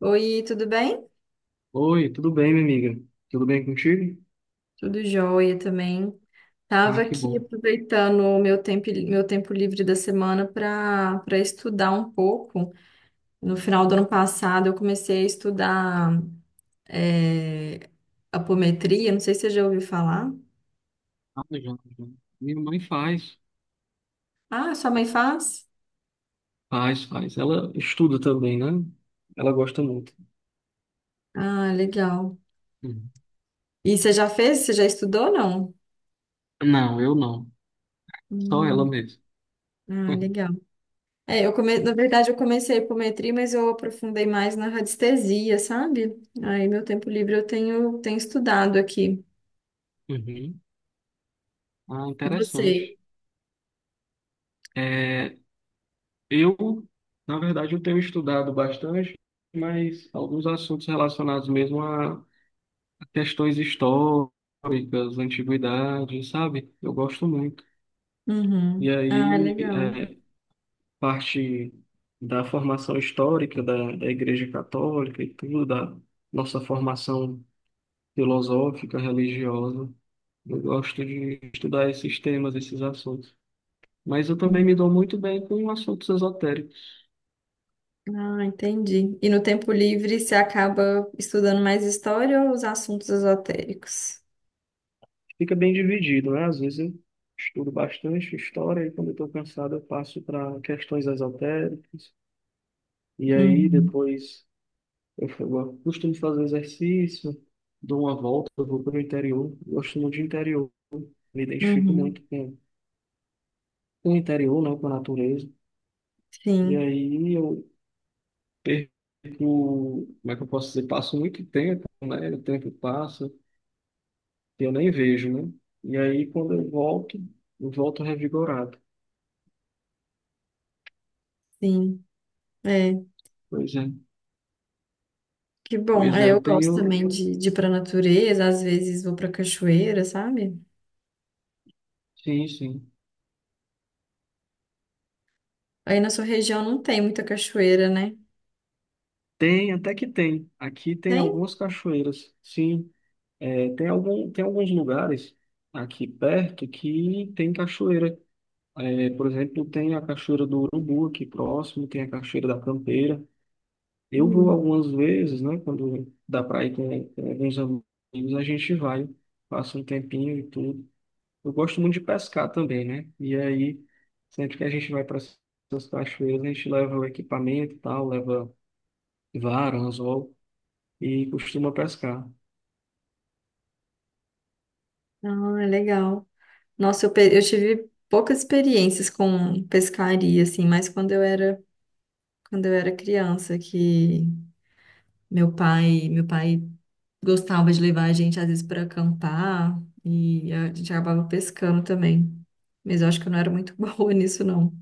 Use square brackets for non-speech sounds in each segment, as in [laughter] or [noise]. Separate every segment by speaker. Speaker 1: Oi, tudo bem?
Speaker 2: Oi, tudo bem, minha amiga? Tudo bem contigo?
Speaker 1: Tudo jóia também.
Speaker 2: Ah,
Speaker 1: Tava
Speaker 2: que
Speaker 1: aqui
Speaker 2: bom.
Speaker 1: aproveitando o meu tempo livre da semana para estudar um pouco. No final do ano passado, eu comecei a estudar é, apometria. Não sei se você já ouviu falar.
Speaker 2: Ah, já, já. Minha mãe faz.
Speaker 1: Ah, sua mãe faz?
Speaker 2: Faz, faz. Ela estuda também, né? Ela gosta muito.
Speaker 1: Ah, legal.
Speaker 2: Uhum.
Speaker 1: E você já fez? Você já estudou, não?
Speaker 2: Não, eu não. Só ela
Speaker 1: Hum,
Speaker 2: mesmo.
Speaker 1: ah,
Speaker 2: [laughs]
Speaker 1: legal. Na verdade, eu comecei a hipometria, mas eu aprofundei mais na radiestesia, sabe? Aí, meu tempo livre eu tenho estudado aqui.
Speaker 2: Uhum. Ah,
Speaker 1: E você?
Speaker 2: interessante. É, eu, Na verdade, eu tenho estudado bastante, mas alguns assuntos relacionados mesmo a questões históricas, antiguidades, sabe? Eu gosto muito. E
Speaker 1: Uhum. Ah,
Speaker 2: aí,
Speaker 1: legal.
Speaker 2: é, parte da formação histórica da Igreja Católica e tudo, da nossa formação filosófica, religiosa. Eu gosto de estudar esses temas, esses assuntos. Mas eu também me
Speaker 1: Uhum.
Speaker 2: dou muito bem com assuntos esotéricos.
Speaker 1: Ah, entendi. E no tempo livre você acaba estudando mais história ou os assuntos esotéricos?
Speaker 2: Fica bem dividido, né? Às vezes eu estudo bastante história e quando eu estou cansado eu passo para questões esotéricas. E aí
Speaker 1: Uhum.
Speaker 2: depois eu costumo fazer exercício, dou uma volta, eu vou para o interior. Eu gosto muito de interior. Me identifico
Speaker 1: Uhum.
Speaker 2: muito com o interior, né, com a natureza. E
Speaker 1: Sim,
Speaker 2: aí eu perco, como é que eu posso dizer? Passo muito tempo, né? O tempo passa e eu nem vejo, né? E aí quando eu volto revigorado.
Speaker 1: sim. É,
Speaker 2: Pois é.
Speaker 1: que bom.
Speaker 2: Pois
Speaker 1: É,
Speaker 2: é, eu
Speaker 1: eu gosto
Speaker 2: tenho.
Speaker 1: também de ir para natureza, às vezes vou para cachoeira, sabe?
Speaker 2: Sim, sim.
Speaker 1: Aí na sua região não tem muita cachoeira, né?
Speaker 2: Tem, até que tem. Aqui tem
Speaker 1: Tem?
Speaker 2: algumas cachoeiras. Sim, é, tem alguns lugares aqui perto que tem cachoeira. É, por exemplo, tem a Cachoeira do Urubu aqui próximo, tem a Cachoeira da Campeira. Eu vou
Speaker 1: Hum.
Speaker 2: algumas vezes, né? Quando dá para ir com alguns amigos, a gente vai, passa um tempinho e tudo. Eu gosto muito de pescar também, né? E aí, sempre que a gente vai para essas cachoeiras, a gente leva o equipamento e tal, leva vara, anzol e costuma pescar.
Speaker 1: Ah, é legal. Nossa, eu tive poucas experiências com pescaria, assim, mas quando eu era criança, que meu pai gostava de levar a gente às vezes para acampar e a gente acabava pescando também. Mas eu acho que eu não era muito [laughs] boa nisso, não.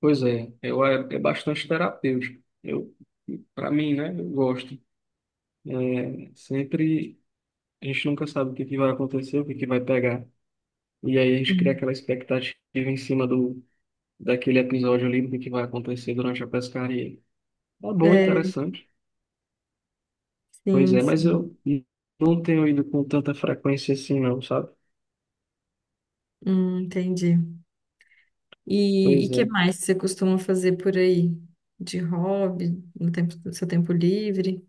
Speaker 2: Pois é, é, é bastante terapêutico. Eu, para mim, né? Eu gosto. É, sempre. A gente nunca sabe o que que vai acontecer, o que que vai pegar. E aí a gente cria
Speaker 1: Hum.
Speaker 2: aquela expectativa em cima daquele episódio ali, do que vai acontecer durante a pescaria. Tá bom,
Speaker 1: É,
Speaker 2: interessante. Pois
Speaker 1: sim,
Speaker 2: é, mas
Speaker 1: sim.
Speaker 2: eu não tenho ido com tanta frequência assim não, sabe?
Speaker 1: Entendi. E
Speaker 2: Pois
Speaker 1: que
Speaker 2: é.
Speaker 1: mais você costuma fazer por aí? De hobby, no tempo, no seu tempo livre?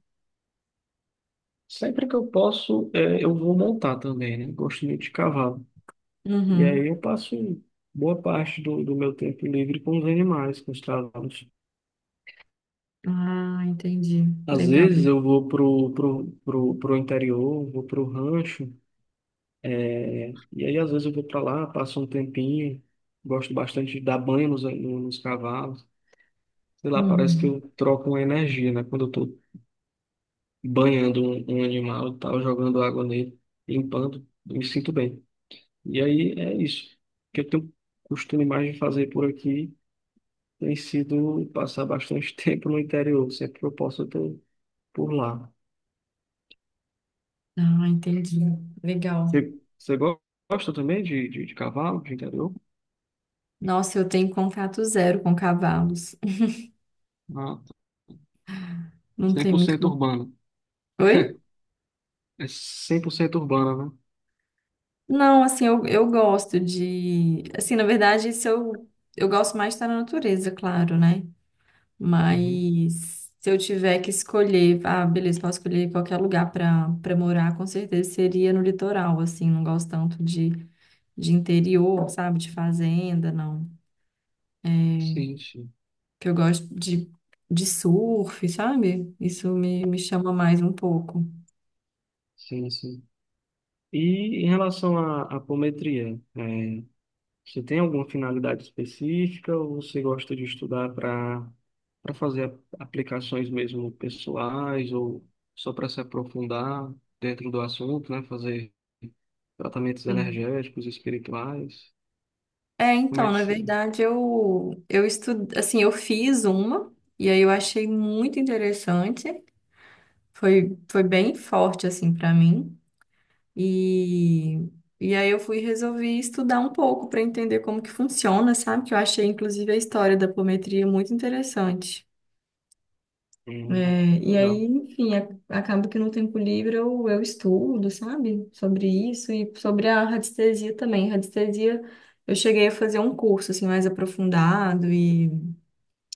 Speaker 2: Sempre que eu posso, é, eu vou montar também, né? Gosto muito de cavalo. E aí
Speaker 1: Uhum.
Speaker 2: eu passo boa parte do meu tempo livre com os animais, com os cavalos.
Speaker 1: Ah, entendi.
Speaker 2: Às
Speaker 1: Legal.
Speaker 2: vezes eu vou pro interior, vou pro rancho. É. E aí, às vezes, eu vou para lá, passo um tempinho, gosto bastante de dar banho nos, no- nos cavalos. Sei lá, parece que
Speaker 1: Uhum.
Speaker 2: eu troco uma energia, né? Quando eu tô banhando um animal e tal, jogando água nele, limpando, eu me sinto bem. E aí é isso. O que eu tenho costume mais de fazer por aqui tem sido passar bastante [laughs] tempo no interior, sempre que eu posso, eu tô por lá.
Speaker 1: Ah, entendi. Legal.
Speaker 2: Você, você go- Gosta também de cavalo, de interior?
Speaker 1: Nossa, eu tenho contato zero com cavalos.
Speaker 2: Ah,
Speaker 1: Não tem muito.
Speaker 2: 100%
Speaker 1: Con-
Speaker 2: urbano.
Speaker 1: Oi?
Speaker 2: É 100% urbana.
Speaker 1: Não, assim, eu gosto de. Assim, na verdade, se eu, eu gosto mais de estar na natureza, claro, né?
Speaker 2: Uhum.
Speaker 1: Mas se eu tiver que escolher, ah, beleza, posso escolher qualquer lugar para morar, com certeza seria no litoral, assim, não gosto tanto de interior, sabe? De fazenda, não.
Speaker 2: Sim, sim,
Speaker 1: Que eu gosto de surf, sabe? Me chama mais um pouco.
Speaker 2: sim, sim. E em relação à apometria, é, você tem alguma finalidade específica ou você gosta de estudar para para fazer aplicações mesmo pessoais ou só para se aprofundar dentro do assunto, né? Fazer tratamentos
Speaker 1: Sim.
Speaker 2: energéticos, espirituais?
Speaker 1: É,
Speaker 2: Como
Speaker 1: então,
Speaker 2: é que
Speaker 1: na
Speaker 2: se...
Speaker 1: verdade, assim, eu fiz uma, e aí eu achei muito interessante, foi bem forte, assim, para mim, e, e aí eu fui, resolvi estudar um pouco para entender como que funciona, sabe? Que eu achei, inclusive, a história da apometria muito interessante.
Speaker 2: Hum,
Speaker 1: É, e aí,
Speaker 2: legal.
Speaker 1: enfim, a- acaba que no tempo livre eu estudo, sabe? Sobre isso e sobre a radiestesia também. Radiestesia, eu cheguei a fazer um curso, assim, mais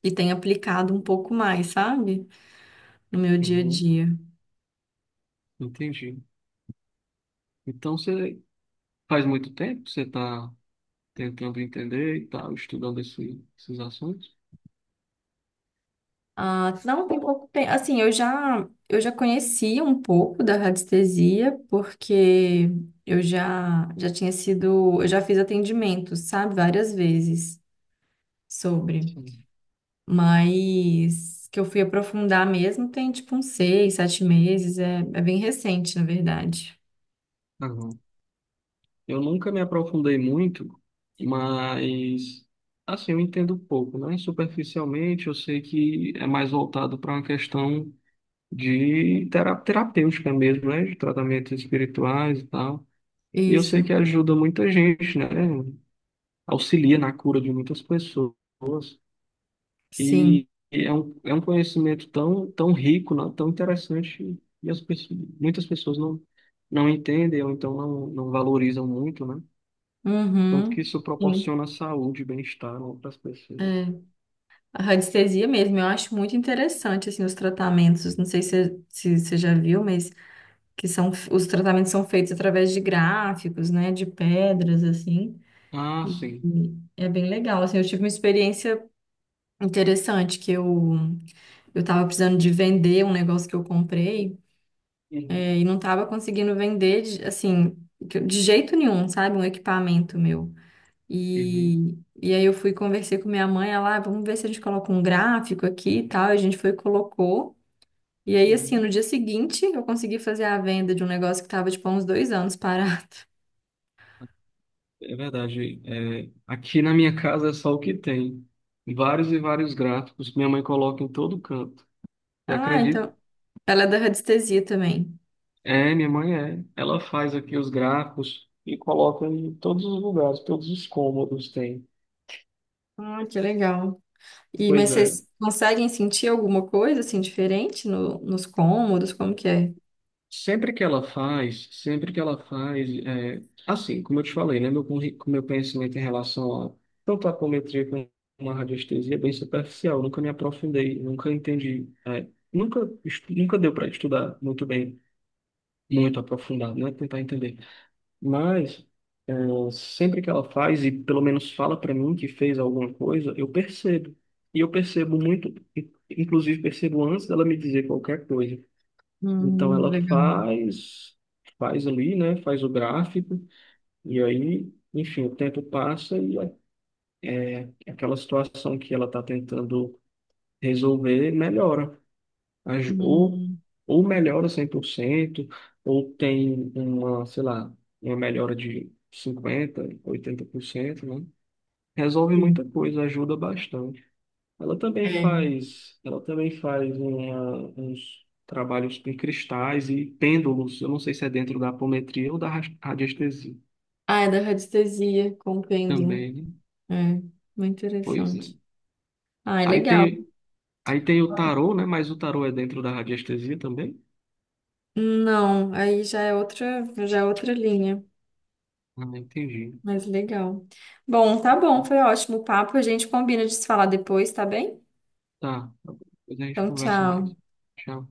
Speaker 1: e tenho aplicado um pouco mais, sabe? No meu dia a
Speaker 2: Uhum,
Speaker 1: dia.
Speaker 2: entendi. Então você faz muito tempo que você está tentando entender e tal, estudando esses assuntos.
Speaker 1: Ah, não, tem pouco tempo. Assim, eu já conhecia um pouco da radiestesia, porque já tinha sido, eu já fiz atendimento, sabe? Várias vezes sobre.
Speaker 2: Sim.
Speaker 1: Mas que eu fui aprofundar mesmo tem tipo uns 6, 7 meses. É, é bem recente, na verdade.
Speaker 2: Aham. Eu nunca me aprofundei muito, mas assim, eu entendo pouco, né? Superficialmente, eu sei que é mais voltado para uma questão de terapêutica mesmo, né? De tratamentos espirituais e tal. E eu sei que
Speaker 1: Isso,
Speaker 2: ajuda muita gente, né? Auxilia na cura de muitas pessoas.
Speaker 1: sim.
Speaker 2: E é um conhecimento tão, tão rico, né, tão interessante, e as pessoas, muitas pessoas não, não entendem ou então não, não valorizam muito, né? Tanto que
Speaker 1: Uhum.
Speaker 2: isso
Speaker 1: Sim.
Speaker 2: proporciona saúde e bem-estar para as
Speaker 1: É.
Speaker 2: pessoas.
Speaker 1: A radiestesia mesmo, eu acho muito interessante assim os tratamentos. Não sei se você já viu, mas que são os tratamentos são feitos através de gráficos, né, de pedras assim.
Speaker 2: Ah,
Speaker 1: E,
Speaker 2: sim.
Speaker 1: e é bem legal. Assim, eu tive uma experiência interessante que eu estava precisando de vender um negócio que eu comprei. É,
Speaker 2: Uhum.
Speaker 1: e não estava conseguindo vender, de- assim, que- de jeito nenhum, sabe? Um equipamento meu.
Speaker 2: Uhum.
Speaker 1: E, e aí eu fui conversei com minha mãe, ela, "Ah, vamos ver se a gente coloca um gráfico aqui e tal. E a gente foi e colocou. E aí, assim,
Speaker 2: Uhum.
Speaker 1: no dia seguinte, eu consegui fazer a venda de um negócio que estava, tipo, há uns 2 anos parado. [laughs]
Speaker 2: É verdade. É, aqui na minha casa é só o que tem. Vários e vários gráficos. Minha mãe coloca em todo canto. Você
Speaker 1: Ah,
Speaker 2: acredita?
Speaker 1: então, ela é da radiestesia também.
Speaker 2: É, minha mãe é. Ela faz aqui os gráficos e coloca em todos os lugares, todos os cômodos tem.
Speaker 1: Ah, que legal. E,
Speaker 2: Pois
Speaker 1: mas
Speaker 2: é.
Speaker 1: vocês conseguem sentir alguma coisa, assim, diferente no, nos cômodos? Como que é?
Speaker 2: Sempre que ela faz, sempre que ela faz, é, assim, como eu te falei, né, meu conhecimento em relação a tanto a apometria como uma radiestesia é bem superficial, eu nunca me aprofundei, nunca entendi, é, nunca deu para estudar muito bem, muito aprofundado, né, tentar entender. Mas é, sempre que ela faz, e pelo menos fala para mim que fez alguma coisa, eu percebo. E eu percebo muito, inclusive percebo antes dela me dizer qualquer coisa. Então ela
Speaker 1: Legal.
Speaker 2: faz, faz ali, né? Faz o gráfico, e aí, enfim, o tempo passa e aquela situação que ela está tentando resolver melhora. Aj- Ou,
Speaker 1: Hum,
Speaker 2: ou melhora 100% ou tem uma, sei lá, uma melhora de cinquenta por cento, oitenta por cento, né? Resolve
Speaker 1: sim.
Speaker 2: muita coisa, ajuda bastante. Ela também faz uns trabalhos com cristais e pêndulos. Eu não sei se é dentro da apometria ou da radiestesia
Speaker 1: Ah, é da radiestesia com pêndulo.
Speaker 2: também, né?
Speaker 1: É, muito
Speaker 2: Pois é.
Speaker 1: interessante. Ah, é
Speaker 2: Aí
Speaker 1: legal.
Speaker 2: tem, Aí tem o tarô, né? Mas o tarô é dentro da radiestesia também?
Speaker 1: Não, aí já é outra linha,
Speaker 2: Ah, entendi.
Speaker 1: mas legal. Bom, tá bom, foi ótimo o papo. A gente combina de se falar depois, tá bem?
Speaker 2: Tá, depois a gente
Speaker 1: Então,
Speaker 2: conversa
Speaker 1: tchau.
Speaker 2: mais. Tchau.